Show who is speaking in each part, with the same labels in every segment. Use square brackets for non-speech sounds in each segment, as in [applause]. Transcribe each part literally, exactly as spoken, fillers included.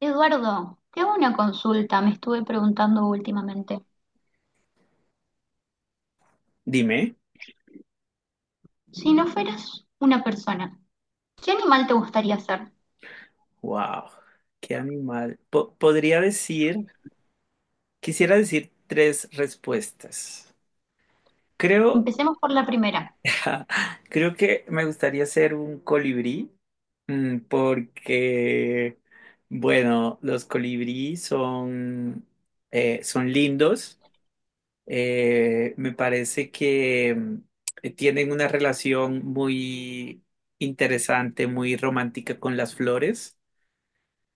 Speaker 1: Eduardo, te hago una consulta, me estuve preguntando últimamente.
Speaker 2: Dime,
Speaker 1: Si no fueras una persona, ¿qué animal te gustaría ser?
Speaker 2: wow, qué animal. Po- podría decir, quisiera decir tres respuestas. Creo,
Speaker 1: Empecemos por la primera.
Speaker 2: [laughs] creo que me gustaría ser un colibrí, mm, porque, bueno, los colibrí son, eh, son lindos. Eh, me parece que mm, tienen una relación muy interesante, muy romántica con las flores.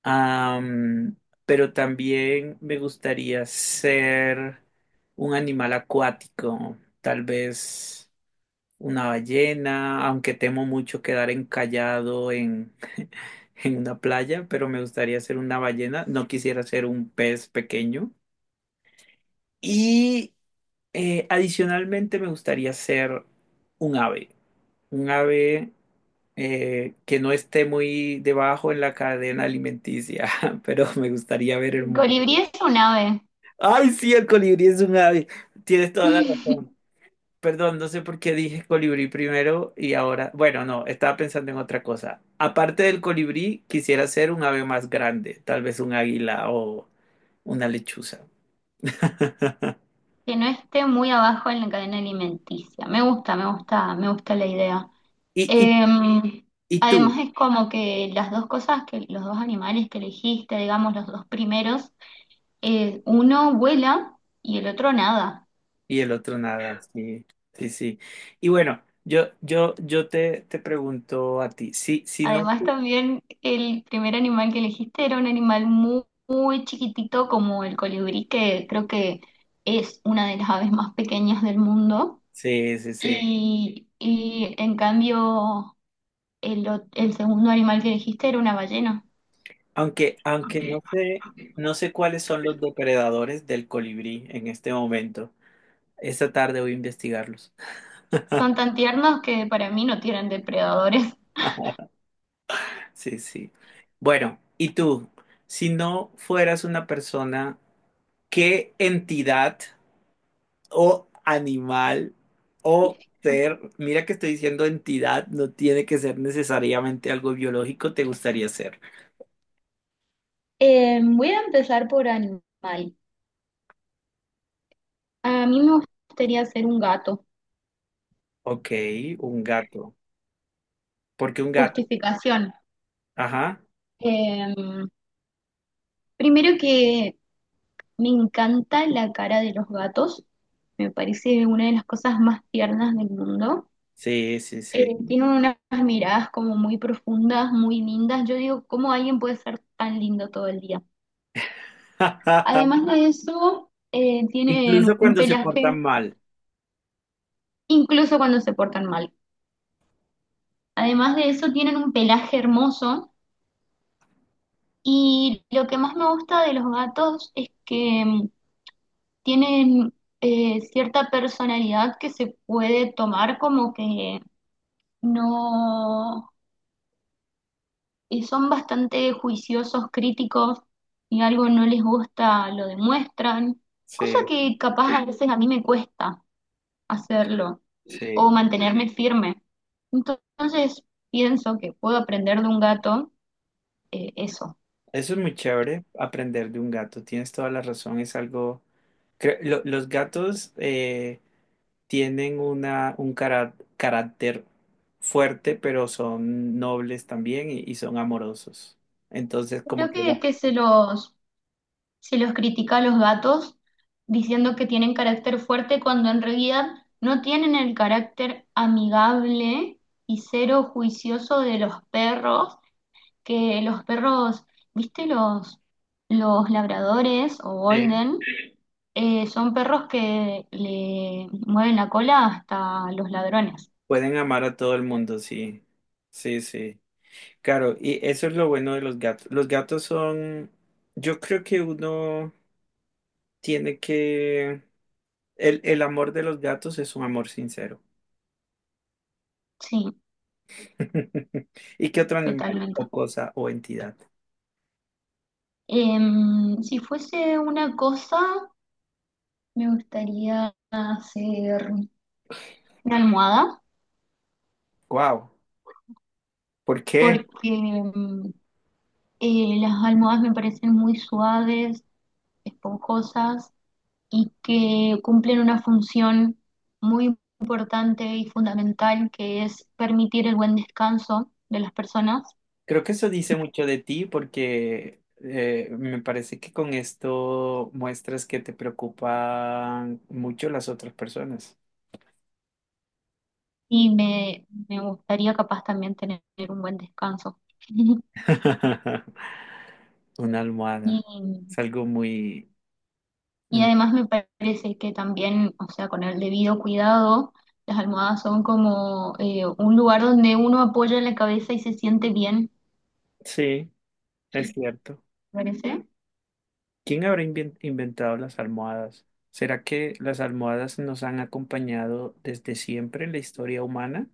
Speaker 2: Am, pero también me gustaría ser un animal acuático, tal vez una ballena, aunque temo mucho quedar encallado en, [laughs] en una playa, pero me gustaría ser una ballena, no quisiera ser un pez pequeño. Y eh, adicionalmente me gustaría ser un ave un ave eh, que no esté muy debajo en la cadena alimenticia, [laughs] pero me gustaría ver el
Speaker 1: El
Speaker 2: mundo.
Speaker 1: colibrí es un ave.
Speaker 2: Ay, sí, el colibrí es un ave. Tienes toda la razón.
Speaker 1: [laughs]
Speaker 2: Perdón, no sé por qué dije colibrí primero y ahora, bueno, no, estaba pensando en otra cosa. Aparte del colibrí, quisiera ser un ave más grande, tal vez un águila o una lechuza. [laughs]
Speaker 1: Que no esté muy abajo en la cadena alimenticia. Me gusta, me gusta, me gusta la idea.
Speaker 2: ¿Y, y,
Speaker 1: Em,
Speaker 2: y
Speaker 1: Además
Speaker 2: tú?
Speaker 1: es como que las dos cosas que los dos animales que elegiste, digamos los dos primeros, eh, uno vuela y el otro nada.
Speaker 2: Y el otro nada, sí, sí, sí. Y bueno, yo, yo, yo te, te pregunto a ti, si, si no,
Speaker 1: Además, también el primer animal que elegiste era un animal muy, muy chiquitito como el colibrí, que creo que es una de las aves más pequeñas del mundo.
Speaker 2: sí, sí, sí.
Speaker 1: Y, y en cambio, el, ot- el segundo animal que elegiste era una ballena.
Speaker 2: Aunque, aunque no sé, no sé cuáles son los depredadores del colibrí en este momento. Esta tarde voy a investigarlos.
Speaker 1: Son tan tiernos que para mí no tienen depredadores.
Speaker 2: [laughs] Sí, sí. Bueno, ¿y tú? Si no fueras una persona, ¿qué entidad? ¿O animal o ser? Mira que estoy diciendo entidad, no tiene que ser necesariamente algo biológico, te gustaría ser.
Speaker 1: Eh, voy a empezar por animal. A mí me gustaría ser un gato.
Speaker 2: Ok, un gato. ¿Por qué un gato?
Speaker 1: Justificación.
Speaker 2: Ajá.
Speaker 1: Em, Primero que me encanta la cara de los gatos, me parece una de las cosas más tiernas del mundo.
Speaker 2: Sí, sí, sí.
Speaker 1: Eh, tienen unas miradas como muy profundas, muy lindas. Yo digo, ¿cómo alguien puede ser tan lindo todo el día?
Speaker 2: [laughs]
Speaker 1: Además de eso, eh, tienen
Speaker 2: Incluso
Speaker 1: un
Speaker 2: cuando se
Speaker 1: pelaje,
Speaker 2: portan mal.
Speaker 1: incluso cuando se portan mal. Además de eso, tienen un pelaje hermoso. Y lo que más me gusta de los gatos es que mm, tienen eh, cierta personalidad que se puede tomar como que no, eh, son bastante juiciosos, críticos, y algo no les gusta, lo demuestran, cosa
Speaker 2: Sí,
Speaker 1: que capaz a veces a mí me cuesta hacerlo o
Speaker 2: sí.
Speaker 1: mantenerme firme. Entonces pienso que puedo aprender de un gato, eh, eso.
Speaker 2: Eso es muy chévere, aprender de un gato. Tienes toda la razón. Es algo. cre- lo- Los gatos, eh, tienen una, un cara- carácter fuerte, pero son nobles también y, y son amorosos. Entonces, como
Speaker 1: Creo
Speaker 2: que
Speaker 1: que,
Speaker 2: la-
Speaker 1: que se los, se los critica a los gatos diciendo que tienen carácter fuerte cuando en realidad no tienen el carácter amigable y cero juicioso de los perros, que los perros, ¿viste los, los labradores o
Speaker 2: Sí.
Speaker 1: golden? Eh, son perros que le mueven la cola hasta los ladrones.
Speaker 2: Pueden amar a todo el mundo, sí. Sí, sí. Claro, y eso es lo bueno de los gatos. Los gatos son, yo creo que uno tiene que, el, el amor de los gatos es un amor sincero.
Speaker 1: Sí,
Speaker 2: [laughs] ¿Y qué otro animal
Speaker 1: totalmente.
Speaker 2: o cosa o entidad?
Speaker 1: Em, si fuese una cosa, me gustaría hacer una almohada,
Speaker 2: Wow, ¿por qué?
Speaker 1: porque em, eh, las almohadas me parecen muy suaves, esponjosas y que cumplen una función muy importante y fundamental que es permitir el buen descanso de las personas
Speaker 2: Creo que eso dice mucho de ti porque eh, me parece que con esto muestras que te preocupan mucho las otras personas.
Speaker 1: y me, me gustaría capaz también tener un buen descanso. [laughs]
Speaker 2: [laughs] Una almohada.
Speaker 1: Y,
Speaker 2: Es algo muy...
Speaker 1: y
Speaker 2: mm,
Speaker 1: además me parece que también, o sea, con el debido cuidado, las almohadas son como eh, un lugar donde uno apoya la cabeza y se siente bien,
Speaker 2: Sí, es cierto.
Speaker 1: me parece
Speaker 2: ¿Quién habrá invien- inventado las almohadas? ¿Será que las almohadas nos han acompañado desde siempre en la historia humana?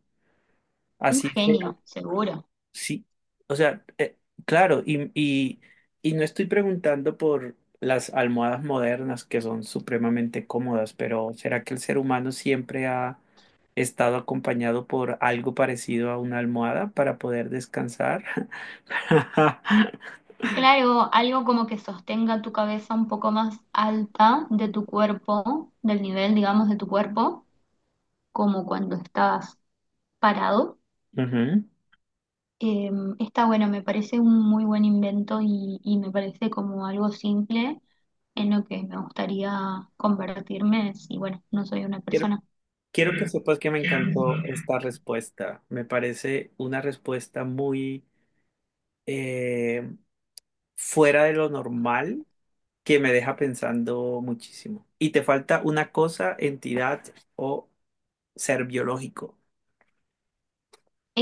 Speaker 1: un
Speaker 2: Así
Speaker 1: genio, seguro.
Speaker 2: sí, o sea, eh, claro, y, y, y no estoy preguntando por las almohadas modernas que son supremamente cómodas, pero ¿será que el ser humano siempre ha estado acompañado por algo parecido a una almohada para poder descansar? [laughs]
Speaker 1: Claro, algo como que sostenga tu cabeza un poco más alta de tu cuerpo, del nivel, digamos, de tu cuerpo, como cuando estás parado.
Speaker 2: Ujú.
Speaker 1: Eh, Está bueno, me parece un muy buen invento y, y me parece como algo simple en lo que me gustaría convertirme si, bueno, no soy una
Speaker 2: Quiero,
Speaker 1: persona.
Speaker 2: quiero que sepas que me encantó esta respuesta. Me parece una respuesta muy eh, fuera de lo normal que me deja pensando muchísimo. Y te falta una cosa, entidad o ser biológico.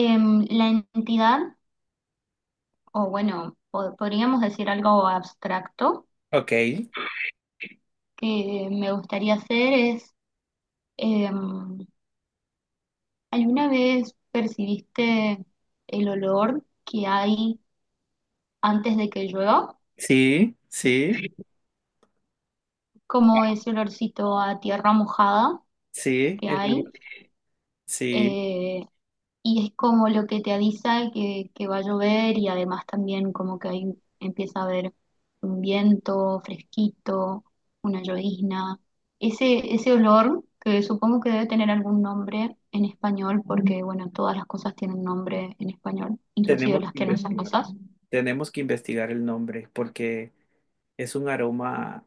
Speaker 1: Em, la entidad, o bueno, po- podríamos decir algo abstracto
Speaker 2: Ok,
Speaker 1: que me gustaría hacer es... em, ¿alguna vez percibiste el olor que hay antes de que llueva?
Speaker 2: sí, sí,
Speaker 1: Como ese olorcito a tierra mojada
Speaker 2: sí,
Speaker 1: que
Speaker 2: el-
Speaker 1: hay.
Speaker 2: sí,
Speaker 1: Eh, y es como lo que te avisa que, que va a llover y además también como que ahí empieza a haber un viento fresquito, una llovizna. Ese, ese olor que supongo que debe tener algún nombre en español porque bueno, todas las cosas tienen nombre en español, inclusive
Speaker 2: tenemos
Speaker 1: las
Speaker 2: que
Speaker 1: que no son
Speaker 2: investigarlo.
Speaker 1: cosas.
Speaker 2: Tenemos que investigar el nombre porque es un aroma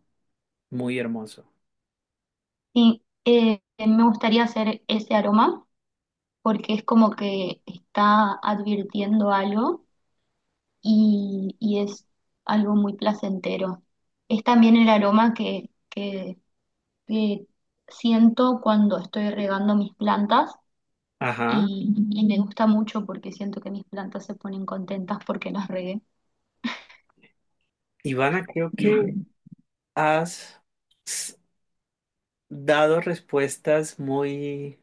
Speaker 2: muy hermoso.
Speaker 1: Sí, eh, me gustaría hacer ese aroma porque es como que está advirtiendo algo y, y es algo muy placentero. Es también el aroma que, que, que siento cuando estoy regando mis plantas
Speaker 2: Ajá.
Speaker 1: y, y me gusta mucho porque siento que mis plantas se ponen contentas porque las regué.
Speaker 2: Ivana, creo que has s- dado respuestas muy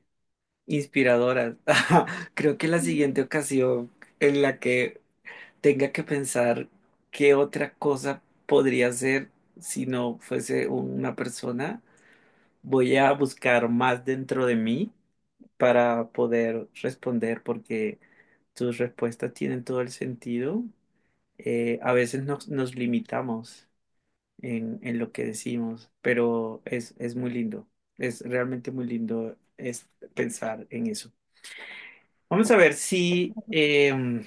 Speaker 2: inspiradoras. [laughs] Creo que la siguiente ocasión en la que tenga que pensar qué otra cosa podría ser si no fuese una persona, voy a buscar más dentro de mí para poder responder porque tus respuestas tienen todo el sentido. Eh, a veces nos, nos limitamos en, en lo que decimos, pero es, es muy lindo, es realmente muy lindo es pensar en eso. Vamos a ver si... em,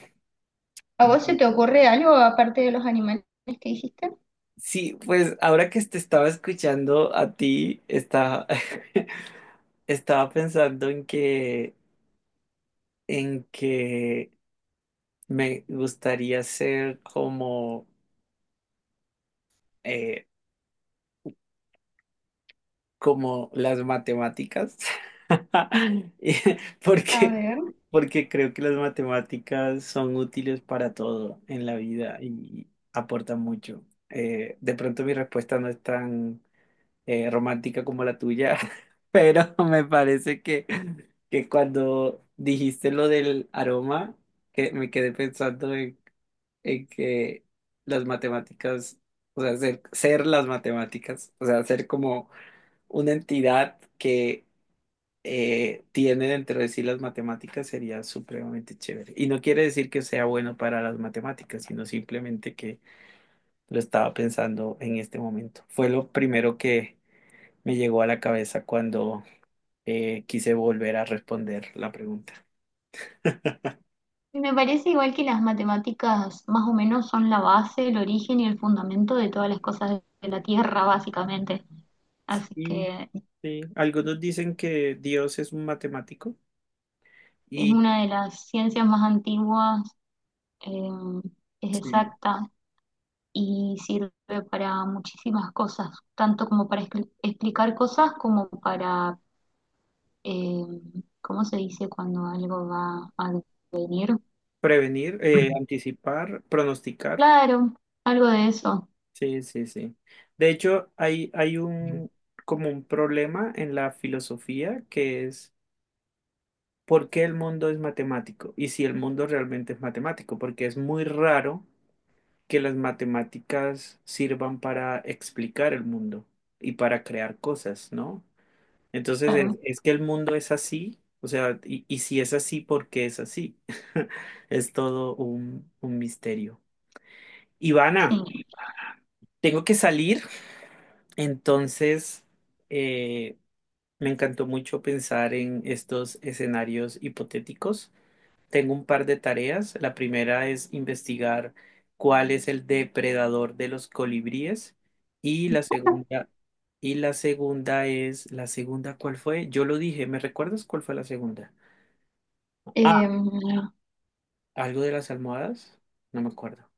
Speaker 1: ¿A vos se te ocurre algo aparte de los animales que dijiste?
Speaker 2: sí, pues ahora que te estaba escuchando a ti, estaba, [laughs] estaba pensando en que, en que me gustaría ser como, eh, como las matemáticas. [laughs] Y-
Speaker 1: A
Speaker 2: Porque,
Speaker 1: ver.
Speaker 2: porque creo que las matemáticas son útiles para todo en la vida y aportan mucho. Eh, de pronto mi respuesta no es tan eh, romántica como la tuya, [laughs] pero me parece que, que cuando dijiste lo del aroma, que me quedé pensando en, en que las matemáticas, o sea, ser, ser las matemáticas, o sea, ser como una entidad que eh, tiene dentro de sí las matemáticas sería supremamente chévere. Y no quiere decir que sea bueno para las matemáticas, sino simplemente que lo estaba pensando en este momento. Fue lo primero que me llegó a la cabeza cuando eh, quise volver a responder la pregunta.
Speaker 1: Y me parece igual que las matemáticas más o menos son la base, el origen y el fundamento de todas las cosas de la Tierra, básicamente. Así
Speaker 2: Sí,
Speaker 1: que
Speaker 2: sí. Algunos dicen que Dios es un matemático
Speaker 1: es
Speaker 2: y
Speaker 1: una de las ciencias más antiguas, eh, es
Speaker 2: sí,
Speaker 1: exacta y sirve para muchísimas cosas, tanto como para expli- explicar cosas como para, eh, ¿cómo se dice cuando algo va a venir?
Speaker 2: prevenir, eh, anticipar, pronosticar.
Speaker 1: Claro, algo de eso,
Speaker 2: Sí, sí, sí. De hecho, hay, hay un como un problema en la filosofía que es ¿por qué el mundo es matemático? Y si el mundo realmente es matemático, porque es muy raro que las matemáticas sirvan para explicar el mundo y para crear cosas, ¿no? Entonces, es,
Speaker 1: claro,
Speaker 2: es que el mundo es así, o sea, y, y si es así, ¿por qué es así? [laughs] Es todo un, un misterio. Ivana,
Speaker 1: sí.
Speaker 2: tengo que salir, entonces, eh, me encantó mucho pensar en estos escenarios hipotéticos. Tengo un par de tareas. La primera es investigar cuál es el depredador de los colibríes y la
Speaker 1: [laughs]
Speaker 2: segunda y la segunda es la segunda, ¿cuál fue? Yo lo dije, ¿me recuerdas cuál fue la segunda? Ah,
Speaker 1: Em,
Speaker 2: algo de las almohadas, no me acuerdo.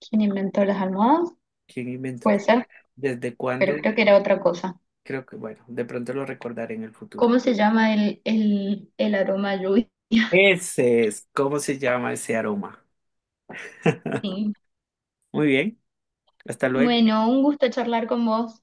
Speaker 1: ¿quién inventó las almohadas?
Speaker 2: ¿Quién inventó?
Speaker 1: Puede ser,
Speaker 2: ¿Desde
Speaker 1: pero
Speaker 2: cuándo?
Speaker 1: creo que era otra cosa.
Speaker 2: Creo que bueno, de pronto lo recordaré en el futuro.
Speaker 1: ¿Cómo se llama el, el, el aroma a lluvia? [laughs]
Speaker 2: Ese es, ¿cómo se llama ese aroma? [laughs]
Speaker 1: Sí.
Speaker 2: Muy bien, hasta luego.
Speaker 1: Bueno, un gusto charlar con vos.